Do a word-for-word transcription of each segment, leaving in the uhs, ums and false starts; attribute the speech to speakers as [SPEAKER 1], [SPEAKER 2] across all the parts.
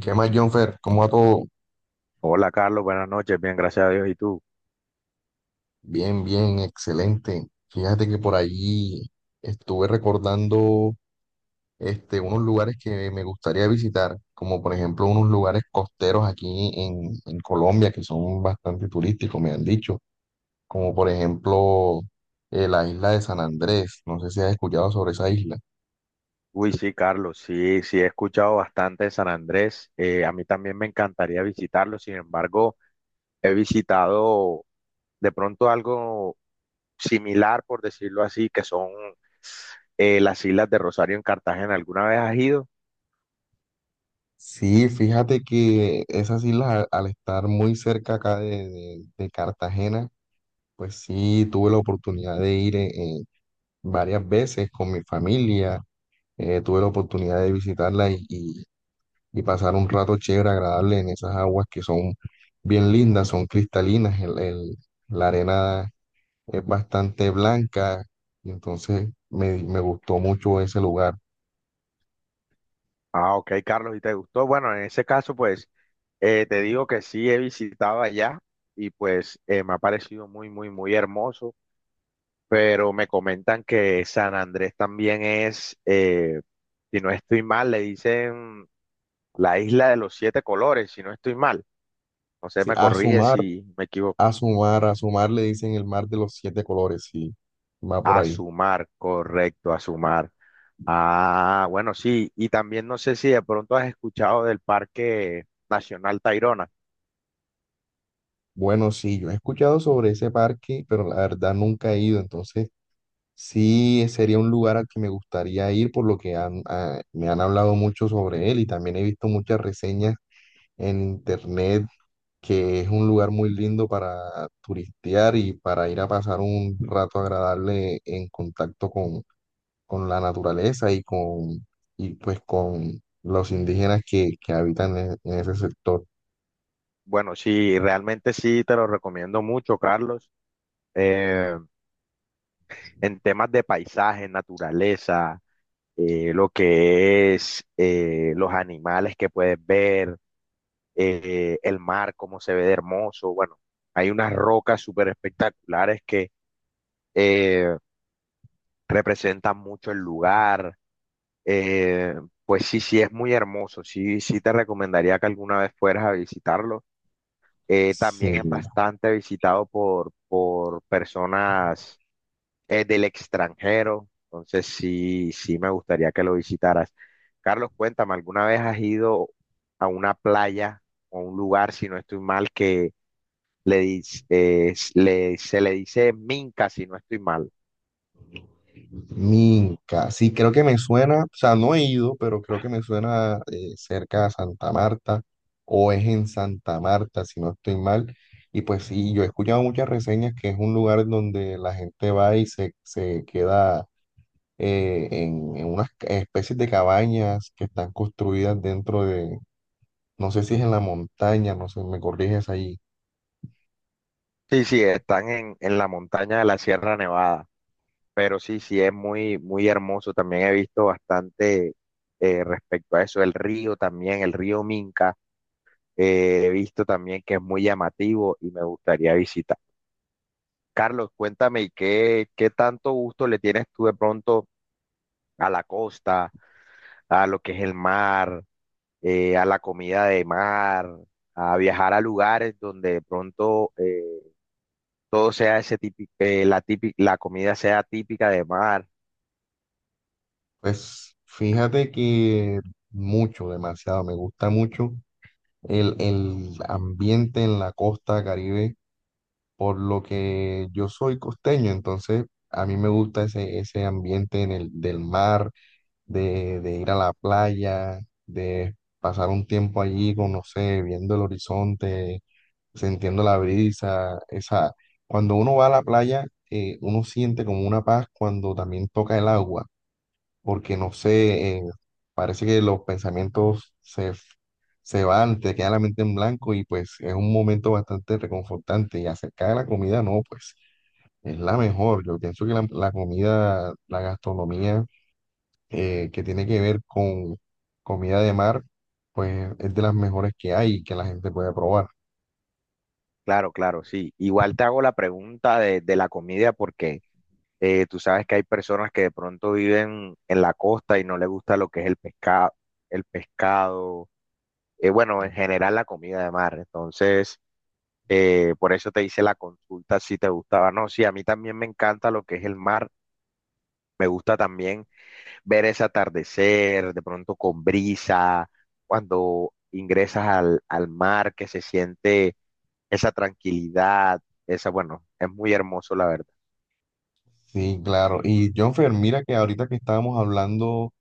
[SPEAKER 1] ¿Qué más, Jonfer? ¿Cómo va todo?
[SPEAKER 2] Hola Carlos, buenas noches, bien, gracias a Dios. ¿Y tú?
[SPEAKER 1] Bien, bien, excelente. Fíjate que por allí estuve recordando este, unos lugares que me gustaría visitar, como por ejemplo unos lugares costeros aquí en, en Colombia que son bastante turísticos, me han dicho, como por ejemplo eh, la isla de San Andrés. No sé si has escuchado sobre esa isla.
[SPEAKER 2] Uy, sí, Carlos, sí, sí, he escuchado bastante de San Andrés. Eh, a mí también me encantaría visitarlo. Sin embargo, he visitado de pronto algo similar, por decirlo así, que son eh, las Islas de Rosario en Cartagena. ¿Alguna vez has ido?
[SPEAKER 1] Sí, fíjate que esas islas al, al estar muy cerca acá de, de de Cartagena, pues sí, tuve la oportunidad de ir en, varias veces con mi familia. Eh, tuve la oportunidad de visitarla y, y- y pasar un rato chévere, agradable en esas aguas que son bien lindas, son cristalinas. El- el- la arena es bastante blanca, y entonces me, me gustó mucho ese lugar.
[SPEAKER 2] Ah, ok, Carlos, ¿y te gustó? Bueno, en ese caso, pues eh, te digo que sí, he visitado allá, y pues eh, me ha parecido muy, muy, muy hermoso. Pero me comentan que San Andrés también es, eh, si no estoy mal, le dicen la isla de los siete colores, si no estoy mal. No sé,
[SPEAKER 1] Sí,
[SPEAKER 2] me
[SPEAKER 1] a
[SPEAKER 2] corrige
[SPEAKER 1] sumar,
[SPEAKER 2] si me equivoco.
[SPEAKER 1] a sumar, a sumar le dicen el mar de los siete colores, sí, va por ahí.
[SPEAKER 2] Azumar, correcto, Azumar. Ah, bueno, sí, y también no sé si de pronto has escuchado del Parque Nacional Tayrona.
[SPEAKER 1] Bueno, sí, yo he escuchado sobre ese parque, pero la verdad nunca he ido, entonces. Sí, sería un lugar al que me gustaría ir, por lo que han- ah, me han hablado mucho sobre él y también he visto muchas reseñas en internet que es un lugar muy lindo para turistear y para ir a pasar un rato agradable en contacto con, con la naturaleza y con y pues con los indígenas que, que habitan en, en ese sector.
[SPEAKER 2] Bueno, sí, realmente sí, te lo recomiendo mucho, Carlos. Eh, en temas de paisaje, naturaleza, eh, lo que es eh, los animales que puedes ver, eh, el mar, cómo se ve de hermoso. Bueno, hay unas rocas súper espectaculares que eh, representan mucho el lugar. Eh, pues sí, sí, es muy hermoso. Sí, sí te recomendaría que alguna vez fueras a visitarlo. Eh,
[SPEAKER 1] Sí.
[SPEAKER 2] también es bastante visitado por, por personas eh, del extranjero. Entonces sí, sí me gustaría que lo visitaras. Carlos, cuéntame, ¿alguna vez has ido a una playa o un lugar, si no estoy mal, que le, dis- eh, le- se le dice Minca, si no estoy mal?
[SPEAKER 1] Minca, sí, creo que me suena, o sea, no he ido, pero creo que me suena eh, cerca a Santa Marta o es en Santa Marta, si no estoy mal. Y pues sí, yo he escuchado muchas reseñas que es un lugar donde la gente va y se, se queda eh, en, en unas ca- especies de cabañas que están construidas dentro de, no sé si es en la montaña, no sé, me corriges ahí.
[SPEAKER 2] Sí, sí, están en, en la montaña de la Sierra Nevada, pero sí, sí, es muy, muy hermoso. También he visto bastante eh, respecto a eso, el río también, el río Minca. Eh, he visto también que es muy llamativo y me gustaría visitar. Carlos, cuéntame, ¿qué, qué tanto gusto le tienes tú de pronto a la costa, a lo que es el mar, eh, a la comida de mar, a viajar a lugares donde de pronto eh, todo sea ese típico, la típica, la comida sea típica de mar?
[SPEAKER 1] Pues fíjate que mucho, demasiado, me gusta mucho. El, el ambiente en la costa Caribe, por lo que yo soy costeño, entonces a mí me gusta ese, ese ambiente en el, del mar, de, de ir a la playa, de pasar un tiempo allí, con, no sé, viendo el horizonte, sintiendo la brisa, esa, cuando uno va a la playa, eh, uno siente como una paz cuando también toca el agua porque no sé, eh, parece que los pensamientos se, se van, te queda la mente en blanco y pues es un momento bastante reconfortante. Y acerca de la comida, no, pues es la mejor. Yo pienso que la, la comida, la gastronomía eh, que tiene que ver con comida de mar, pues es de las mejores que hay y que la gente puede probar.
[SPEAKER 2] Claro, claro, sí. Igual te hago la pregunta de, de la comida, porque eh, tú sabes que hay personas que de pronto viven en la costa y no les gusta lo que es el pescado, el pescado, eh, bueno, en general la comida de mar. Entonces. Eh, por eso te hice la consulta, si te gustaba. No, sí, a mí también me encanta lo que es el mar. Me gusta también ver ese atardecer, de pronto con brisa, cuando ingresas al, al mar, que se siente esa tranquilidad, esa, bueno, es muy hermoso, la verdad.
[SPEAKER 1] Sí, claro. Y Jonfer, mira que ahorita que estábamos hablando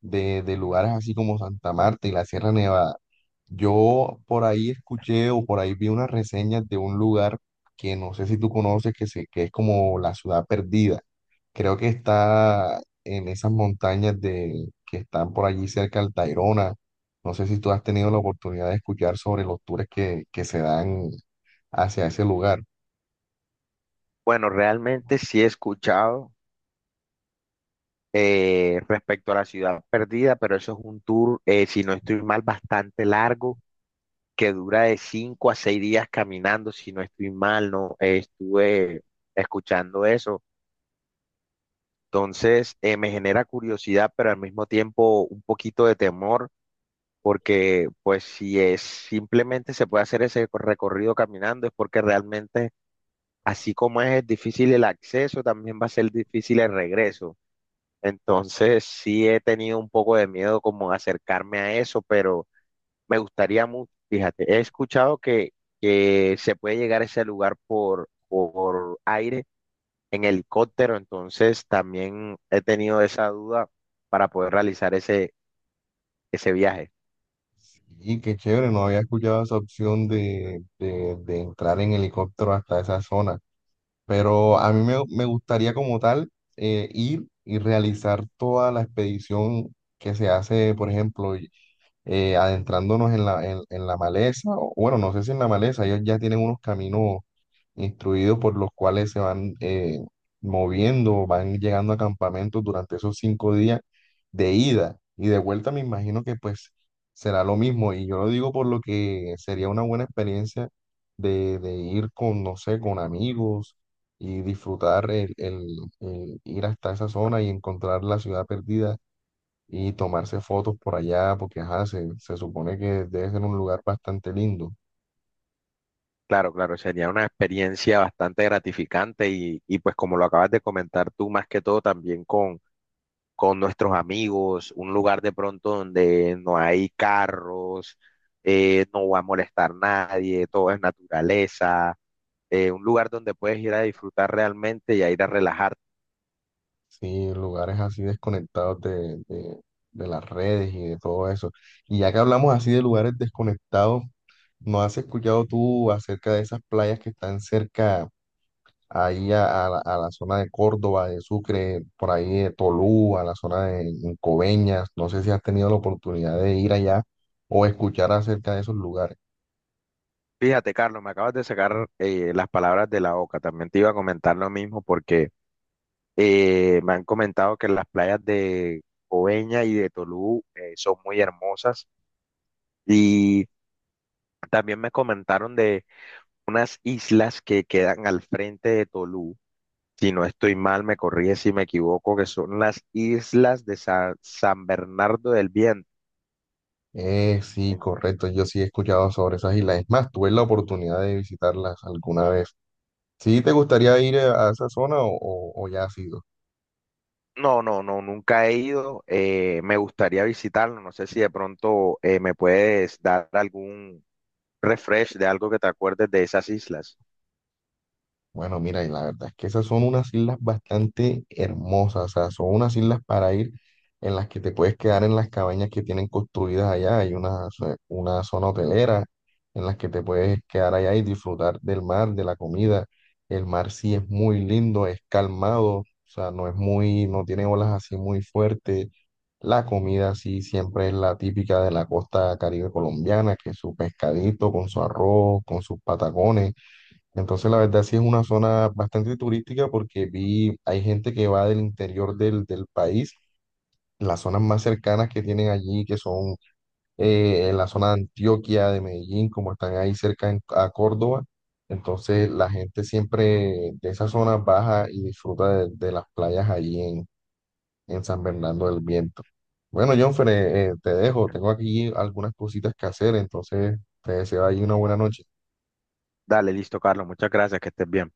[SPEAKER 1] de, de lugares así como Santa Marta y la Sierra Nevada, yo por ahí escuché o por ahí vi unas reseñas de un lugar que no sé si tú conoces, que, se, que es como la ciudad perdida. Creo que está en esas montañas de, que están por allí cerca del Tayrona. No sé si tú has tenido la oportunidad de escuchar sobre los tours que, que se dan hacia ese lugar.
[SPEAKER 2] Bueno, realmente sí he escuchado eh, respecto a la ciudad perdida. Pero eso es un tour, eh, si no estoy mal, bastante largo, que dura de cinco a seis días caminando, si no estoy mal, no. Eh, estuve escuchando eso. Entonces, eh, me genera curiosidad, pero al mismo tiempo un poquito de temor, porque pues si es simplemente se puede hacer ese co- recorrido caminando, es porque realmente, así como es difícil el acceso, también va a ser difícil el regreso. Entonces, sí he tenido un poco de miedo, como acercarme a eso, pero Me gustaría mucho. Fíjate, he escuchado que, que se puede llegar a ese lugar por, por aire en helicóptero. Entonces también he tenido esa duda para poder realizar ese, ese viaje.
[SPEAKER 1] Y qué chévere, no había escuchado esa opción de, de- de entrar en helicóptero hasta esa zona, pero a mí me, me gustaría como tal eh, ir y realizar toda la expedición que se hace, por ejemplo, eh, adentrándonos en la, en, en la maleza, o bueno, no sé si en la maleza, ellos ya tienen unos caminos instruidos por los cuales se van eh, moviendo, van llegando a campamentos durante esos cinco días de ida y de vuelta, me imagino que pues será lo mismo. Y yo lo digo por lo que sería una buena experiencia de, de ir con, no sé, con amigos y disfrutar el, el- el ir hasta esa zona y encontrar la ciudad perdida y tomarse fotos por allá, porque ajá, se, se supone que debe ser un lugar bastante lindo.
[SPEAKER 2] Claro, claro, sería una experiencia bastante gratificante, y, y pues como lo acabas de comentar tú, más que todo también con, con nuestros amigos. Un lugar de pronto donde no hay carros, eh, no va a molestar nadie, todo es naturaleza, eh, un lugar donde puedes ir a disfrutar realmente y a ir a relajarte.
[SPEAKER 1] Sí, lugares así desconectados de, de, de las redes y de todo eso. Y ya que hablamos así de lugares desconectados, ¿no has escuchado tú acerca de esas playas que están cerca ahí a, a la, a la zona de Córdoba, de Sucre, por ahí de Tolú, a la zona de Coveñas? No sé si has tenido la oportunidad de ir allá o escuchar acerca de esos lugares.
[SPEAKER 2] Fíjate, Carlos, me acabas de sacar eh, las palabras de la boca. También te iba a comentar lo mismo, porque eh, me han comentado que las playas de Coveña y de Tolú eh, son muy hermosas, y también me comentaron de unas islas que quedan al frente de Tolú. Si no estoy mal, me corrige si me equivoco, que son las islas de Sa- San Bernardo del Viento.
[SPEAKER 1] Eh, sí, correcto. Yo sí he escuchado sobre esas islas. Es más, tuve la oportunidad de visitarlas alguna vez. ¿Sí te gustaría ir a a esa zona o, o- o ya has ido?
[SPEAKER 2] No, no, no, nunca he ido. eh, me gustaría visitarlo. No sé si de pronto eh, me puedes dar algún refresh de algo que te acuerdes de esas islas.
[SPEAKER 1] Bueno, mira, y la verdad es que esas son unas islas bastante hermosas, o sea, son unas islas para ir en las que te puedes quedar en las cabañas que tienen construidas allá, hay una, zo- una zona hotelera en las que te puedes quedar allá y disfrutar del mar, de la comida. El mar sí es muy lindo, es calmado, o sea, no es muy, no tiene olas así muy fuertes. La comida sí siempre es la típica de la costa caribe colombiana, que es su pescadito con su arroz, con sus patacones. Entonces, la verdad sí es una zona bastante turística porque vi, hay gente que va del interior del, del país, las zonas más cercanas que tienen allí, que son eh, en la zona de Antioquia, de Medellín, como están ahí cerca en- a Córdoba. Entonces, la gente siempre de esa zona baja y disfruta de, de las playas allí en, en San Bernardo del Viento. Bueno, Jonfer, eh, eh, te dejo, tengo aquí algunas cositas que hacer, entonces te deseo ahí una buena noche.
[SPEAKER 2] Dale, listo, Carlos. Muchas gracias, que estés bien.